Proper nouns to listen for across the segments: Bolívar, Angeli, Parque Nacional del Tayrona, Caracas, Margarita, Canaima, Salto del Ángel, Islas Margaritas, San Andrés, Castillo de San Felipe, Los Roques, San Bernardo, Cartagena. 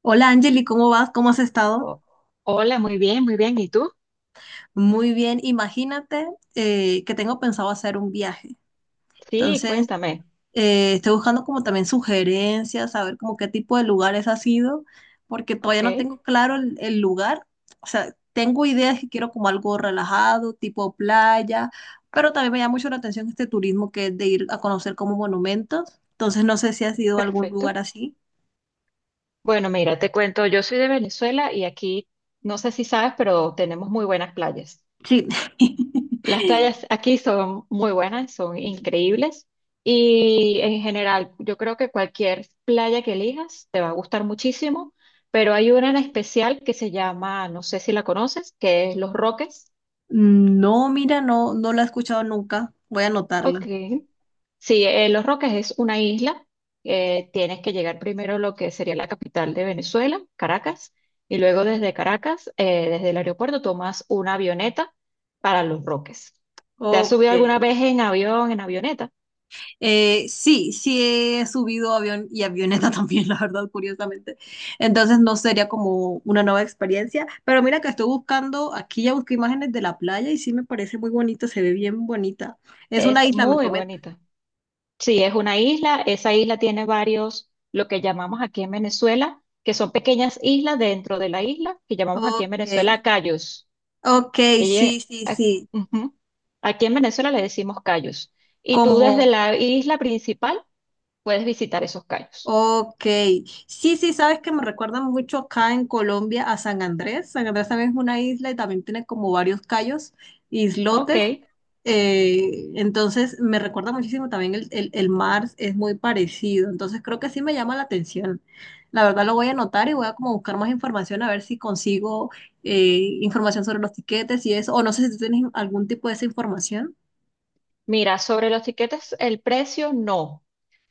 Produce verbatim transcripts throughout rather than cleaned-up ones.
Hola Angeli, ¿cómo vas? ¿Cómo has estado? Oh, hola, muy bien, muy bien. ¿Y tú? Muy bien, imagínate eh, que tengo pensado hacer un viaje. Sí, Entonces, cuéntame. eh, estoy buscando como también sugerencias, saber como qué tipo de lugares ha sido, porque todavía Ok, no tengo claro el, el lugar. O sea, tengo ideas que quiero como algo relajado, tipo playa, pero también me llama mucho la atención este turismo que es de ir a conocer como monumentos. Entonces, no sé si has ido a algún lugar perfecto. así. Bueno, mira, te cuento, yo soy de Venezuela y aquí, no sé si sabes, pero tenemos muy buenas playas. Sí. Las playas aquí son muy buenas, son increíbles y en general, yo creo que cualquier playa que elijas te va a gustar muchísimo, pero hay una en especial que se llama, no sé si la conoces, que es Los Roques. Mm, no, mira, no, no la he escuchado nunca. Voy a anotarla. Ok. Sí, eh, Los Roques es una isla. Eh, tienes que llegar primero a lo que sería la capital de Venezuela, Caracas, y luego desde Caracas, eh, desde el aeropuerto, tomas una avioneta para Los Roques. ¿Te has Ok. subido alguna vez en avión, en avioneta? Eh, sí, sí he subido avión y avioneta también, la verdad, curiosamente. Entonces no sería como una nueva experiencia. Pero mira que estoy buscando, aquí ya busqué imágenes de la playa y sí me parece muy bonita, se ve bien bonita. Es una Es isla, me muy comenta. bonita. Sí, es una isla. Esa isla tiene varios, lo que llamamos aquí en Venezuela, que son pequeñas islas dentro de la isla, que llamamos aquí en Ok, Venezuela cayos. ok, sí, Ella, sí, a- sí. ujú. Aquí en Venezuela le decimos cayos. Y tú Como. desde la isla principal puedes visitar esos cayos. Ok, sí, sí, sabes que me recuerdan mucho acá en Colombia a San Andrés. San Andrés también es una isla y también tiene como varios cayos, islotes. Ok. Eh, entonces me recuerda muchísimo también el, el, el mar, es muy parecido. Entonces creo que sí me llama la atención. La verdad lo voy a anotar y voy a como buscar más información a ver si consigo eh, información sobre los tiquetes y eso. O no sé si tú tienes algún tipo de esa información. Mira, sobre los tiquetes, el precio no.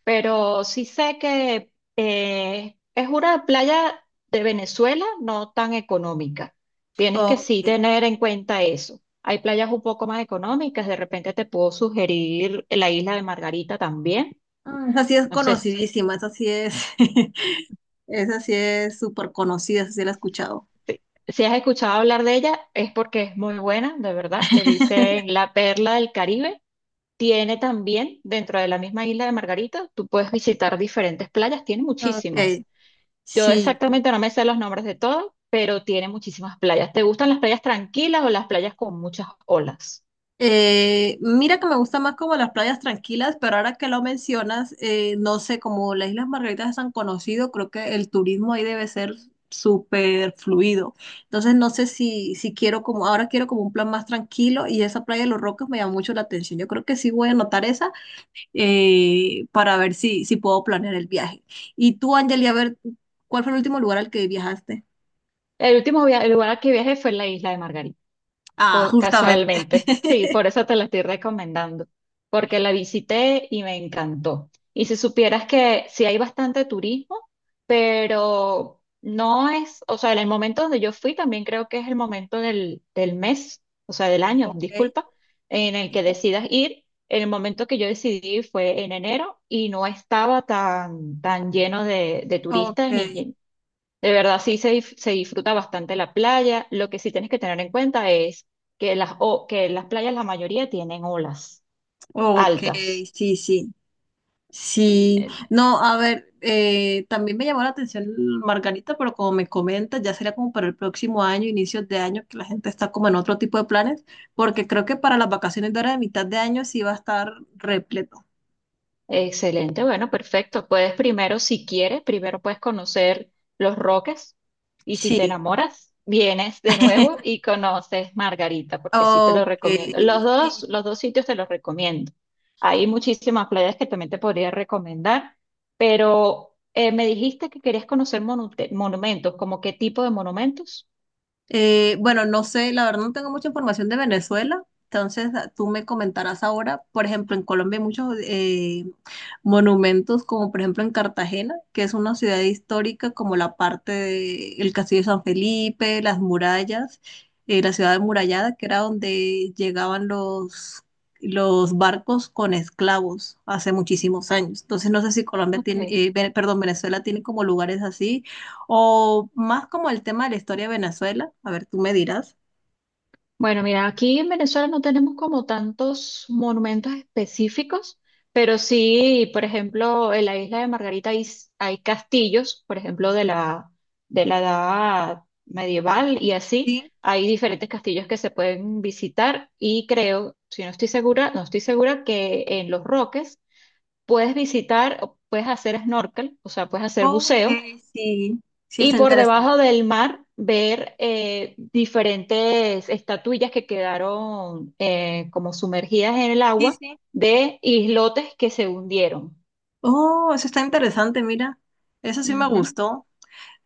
Pero sí sé que eh, es una playa de Venezuela no tan económica. Tienes que sí Ok. tener en cuenta eso. Hay playas un poco más económicas. De repente te puedo sugerir la isla de Margarita también. Mm, esa sí es No sé. conocidísima, esa sí es. Esa sí es súper conocida, esa sí la he escuchado. Sí. Si has escuchado hablar de ella, es porque es muy buena, de verdad. Le dicen la perla del Caribe. Tiene también, dentro de la misma isla de Margarita, tú puedes visitar diferentes playas, tiene muchísimas. Ok, Yo sí. exactamente no me sé los nombres de todas, pero tiene muchísimas playas. ¿Te gustan las playas tranquilas o las playas con muchas olas? Eh, mira que me gusta más como las playas tranquilas, pero ahora que lo mencionas, eh, no sé, como las Islas Margaritas es tan conocido, creo que el turismo ahí debe ser súper fluido. Entonces no sé si, si quiero como, ahora quiero como un plan más tranquilo y esa playa de Los Roques me llama mucho la atención. Yo creo que sí voy a anotar esa eh, para ver si, si puedo planear el viaje. Y tú, Angeli, a ver, ¿cuál fue el último lugar al que viajaste? El último via- el lugar al que viajé fue la isla de Margarita. Ah, co- justamente. Casualmente. Sí, por eso te la estoy recomendando, porque la visité y me encantó. Y si supieras que sí hay bastante turismo, pero no es, o sea, en el momento donde yo fui también creo que es el momento del, del mes, o sea, del año, Ok, disculpa, en el sí, que sí. decidas ir. El momento que yo decidí fue en enero y no estaba tan, tan lleno de, de Ok. turistas ni, de verdad, sí se, dif- se disfruta bastante la playa. Lo que sí tienes que tener en cuenta es que las, o- que las playas, la mayoría tienen olas Ok, altas. sí, sí. Sí, no, a ver, eh, también me llamó la atención Margarita, pero como me comentas, ya sería como para el próximo año, inicios de año, que la gente está como en otro tipo de planes, porque creo que para las vacaciones de ahora de mitad de año sí va a estar repleto. Excelente, bueno, perfecto. Puedes primero, si quieres, primero puedes conocer Los Roques y si te Sí. enamoras, vienes de nuevo y conoces Margarita, porque sí te lo Ok, recomiendo. Los dos, sí. los dos sitios te los recomiendo. Hay muchísimas playas que también te podría recomendar, pero eh, me dijiste que querías conocer monute- monumentos, ¿como qué tipo de monumentos? Eh, bueno, no sé, la verdad no tengo mucha información de Venezuela, entonces ah, tú me comentarás ahora. Por ejemplo, en Colombia hay muchos eh, monumentos, como por ejemplo en Cartagena, que es una ciudad histórica, como la parte del Castillo de San Felipe, las murallas, eh, la ciudad amurallada, que era donde llegaban los, los barcos con esclavos hace muchísimos años. Entonces no sé si Colombia Ok. tiene, eh, Ve- perdón, Venezuela tiene como lugares así o más como el tema de la historia de Venezuela. A ver, tú me dirás. Bueno, mira, aquí en Venezuela no tenemos como tantos monumentos específicos, pero sí, por ejemplo, en la isla de Margarita hay, s- hay castillos, por ejemplo, de la, de la edad medieval y así. Sí. Hay diferentes castillos que se pueden visitar y creo, si no estoy segura, no estoy segura que en Los Roques puedes visitar, o puedes hacer snorkel, o sea, puedes hacer Ok, buceo sí. Sí, y está por interesante. debajo del mar ver eh, diferentes estatuillas que quedaron eh, como sumergidas en el Sí, agua sí. de islotes que se hundieron. Oh, eso está interesante, mira. Eso sí me Ujú. gustó.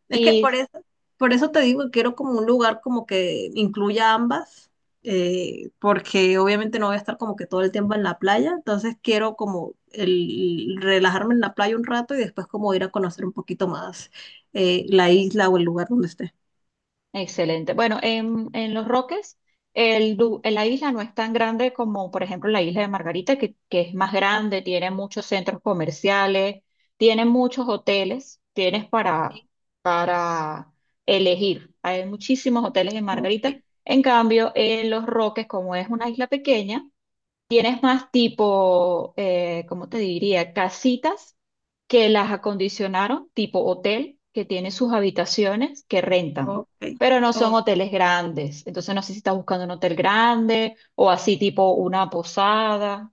Es que por Y eso, por eso te digo que quiero como un lugar como que incluya ambas, eh, porque obviamente no voy a estar como que todo el tiempo en la playa, entonces quiero como el, relajarme en la playa un rato y después como ir a conocer un poquito más eh, la isla o el lugar donde esté. excelente. Bueno, en, en Los Roques, el, lu- la isla no es tan grande como, por ejemplo, la isla de Margarita, que, que es más grande, tiene muchos centros comerciales, tiene muchos hoteles, tienes para, Sí. para elegir. Hay muchísimos hoteles en Ok. Margarita. En cambio, en Los Roques, como es una isla pequeña, tienes más tipo, eh, ¿cómo te diría? Casitas que las acondicionaron, tipo hotel, que tiene sus habitaciones que rentan, Ok. pero no son Ok. hoteles grandes. Entonces no sé si estás buscando un hotel grande o así tipo una posada.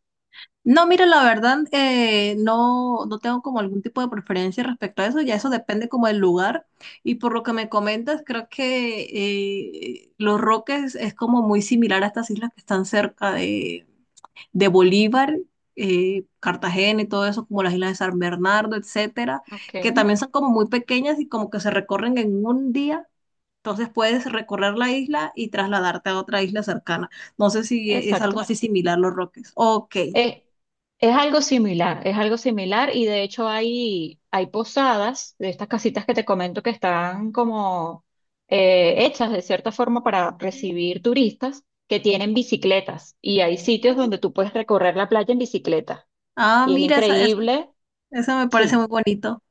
No, mira, la verdad, eh, no, no tengo como algún tipo de preferencia respecto a eso, ya eso depende como del lugar. Y por lo que me comentas, creo que eh, Los Roques es como muy similar a estas islas que están cerca de, de Bolívar, eh, Cartagena y todo eso, como las islas de San Bernardo, etcétera, Ok, que también son como muy pequeñas y como que se recorren en un día. Entonces puedes recorrer la isla y trasladarte a otra isla cercana. No sé si es algo exacto. así similar Los Roques. Ok. Es, es algo similar, es algo similar y de hecho hay, hay posadas de estas casitas que te comento que están como eh, hechas de cierta forma para Sí. recibir turistas que tienen bicicletas y hay sitios donde tú puedes recorrer la playa en bicicleta Ah, y es mira, esa, esa, increíble, esa me parece muy sí, bonito.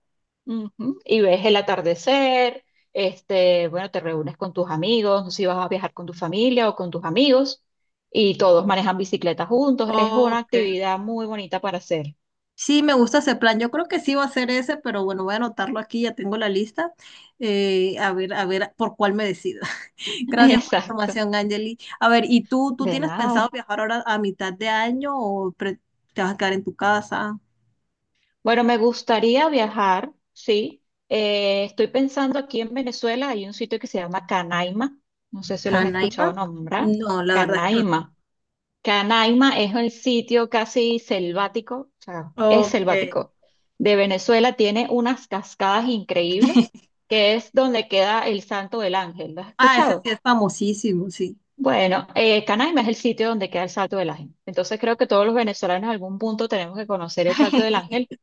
ujú. Y ves el atardecer, este, bueno, te reúnes con tus amigos, no sé si vas a viajar con tu familia o con tus amigos y todos manejan bicicletas juntos, es una Ok. actividad muy bonita para hacer. Sí, me gusta ese plan. Yo creo que sí va a ser ese, pero bueno, voy a anotarlo aquí, ya tengo la lista. Eh, a ver, a ver por cuál me decido. Gracias por la Exacto, información, Angeli. A ver, ¿y tú, tú de tienes pensado nada. viajar ahora a mitad de año o pre- te vas a quedar en tu casa, Bueno, me gustaría viajar, sí. Eh, estoy pensando aquí en Venezuela, hay un sitio que se llama Canaima, no sé si lo has escuchado Canaima? nombrar. No, la verdad es que Canaima. Canaima es el sitio casi selvático, o sea, es Ok. selvático, de Venezuela. Tiene unas cascadas increíbles, que es donde queda el Santo del Ángel. ¿Lo has Ah, ese sí escuchado? es famosísimo, sí. Bueno, eh, Canaima es el sitio donde queda el Salto del Ángel. Entonces creo que todos los venezolanos en algún punto tenemos que conocer el Salto del Ángel.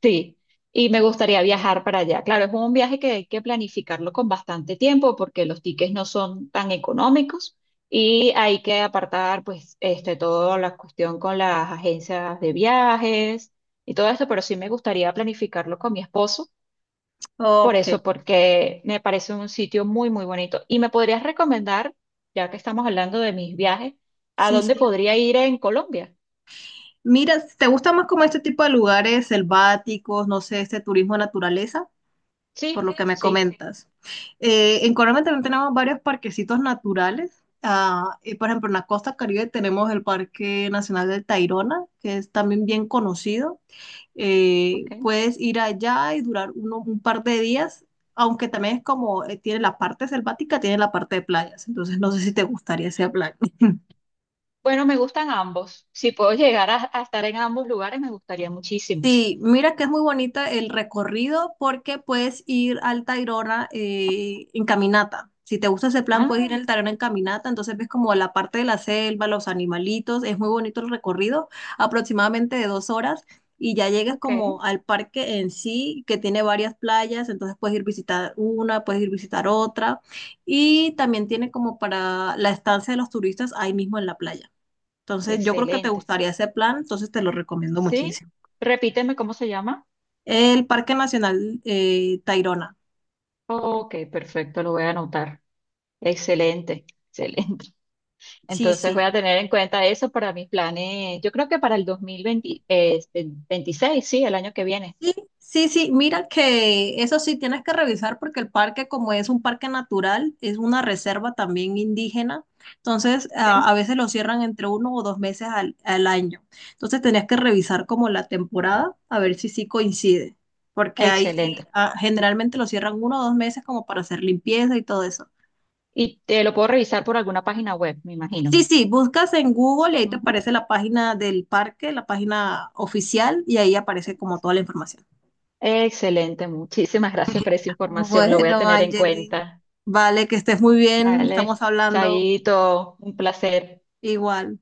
Sí, y me gustaría viajar para allá. Claro, es un viaje que hay que planificarlo con bastante tiempo porque los tickets no son tan económicos y hay que apartar pues este, toda la cuestión con las agencias de viajes y todo esto, pero sí me gustaría planificarlo con mi esposo por Ok, eso, porque me parece un sitio muy, muy bonito. ¿Y me podrías recomendar, ya que estamos hablando de mis viajes, a sí, dónde sí. podría ir en Colombia? Mira, ¿te gusta más como este tipo de lugares selváticos, no sé, este turismo de naturaleza? Por Sí, lo que me sí, comentas. Eh, en Colombia también tenemos varios parquecitos naturales. Ah, y por ejemplo, en la costa Caribe tenemos el Parque Nacional del Tayrona, que es también bien conocido. eh, ok. puedes ir allá y durar uno- un par de días, aunque también es como, eh, tiene la parte selvática, tiene la parte de playas, entonces no sé si te gustaría ese plan. Bueno, me gustan ambos. Si puedo llegar a, a estar en ambos lugares, me gustaría muchísimo. Sí, mira que es muy bonita el recorrido porque puedes ir al Tayrona eh, en caminata. Si te gusta ese plan, puedes Ah, ir al Tayrona en caminata. Entonces ves como la parte de la selva, los animalitos. Es muy bonito el recorrido, aproximadamente de dos horas. Y ya llegas ok, como al parque en sí, que tiene varias playas. Entonces puedes ir visitar una, puedes ir visitar otra. Y también tiene como para la estancia de los turistas ahí mismo en la playa. Entonces yo creo que te excelente. gustaría ese plan, entonces te lo recomiendo Sí, muchísimo. repíteme cómo se llama. El Parque Nacional eh, Tayrona. Ok, perfecto, lo voy a anotar. Excelente, excelente. Sí, Entonces voy sí. a tener en cuenta eso para mis planes. Yo creo que para el dos mil veinte, eh, este, veintiséis, sí, el año que viene. Sí, sí, sí. Mira que eso sí tienes que revisar porque el parque, como es un parque natural, es una reserva también indígena. Entonces, Ok. a, a veces lo cierran entre uno o dos meses al, al año. Entonces, tenías que revisar como la temporada a ver si sí coincide. Porque ahí Excelente. ah, generalmente lo cierran uno o dos meses como para hacer limpieza y todo eso. Y te lo puedo revisar por alguna página web, me imagino. Sí, sí, buscas en Google y ahí te Ujú. aparece la página del parque, la página oficial, y ahí aparece como toda la información. Excelente, muchísimas gracias por esa información. Lo voy a Bueno, tener en Angeli, cuenta. vale, que estés muy bien, Vale, estamos hablando chaito, un placer. igual.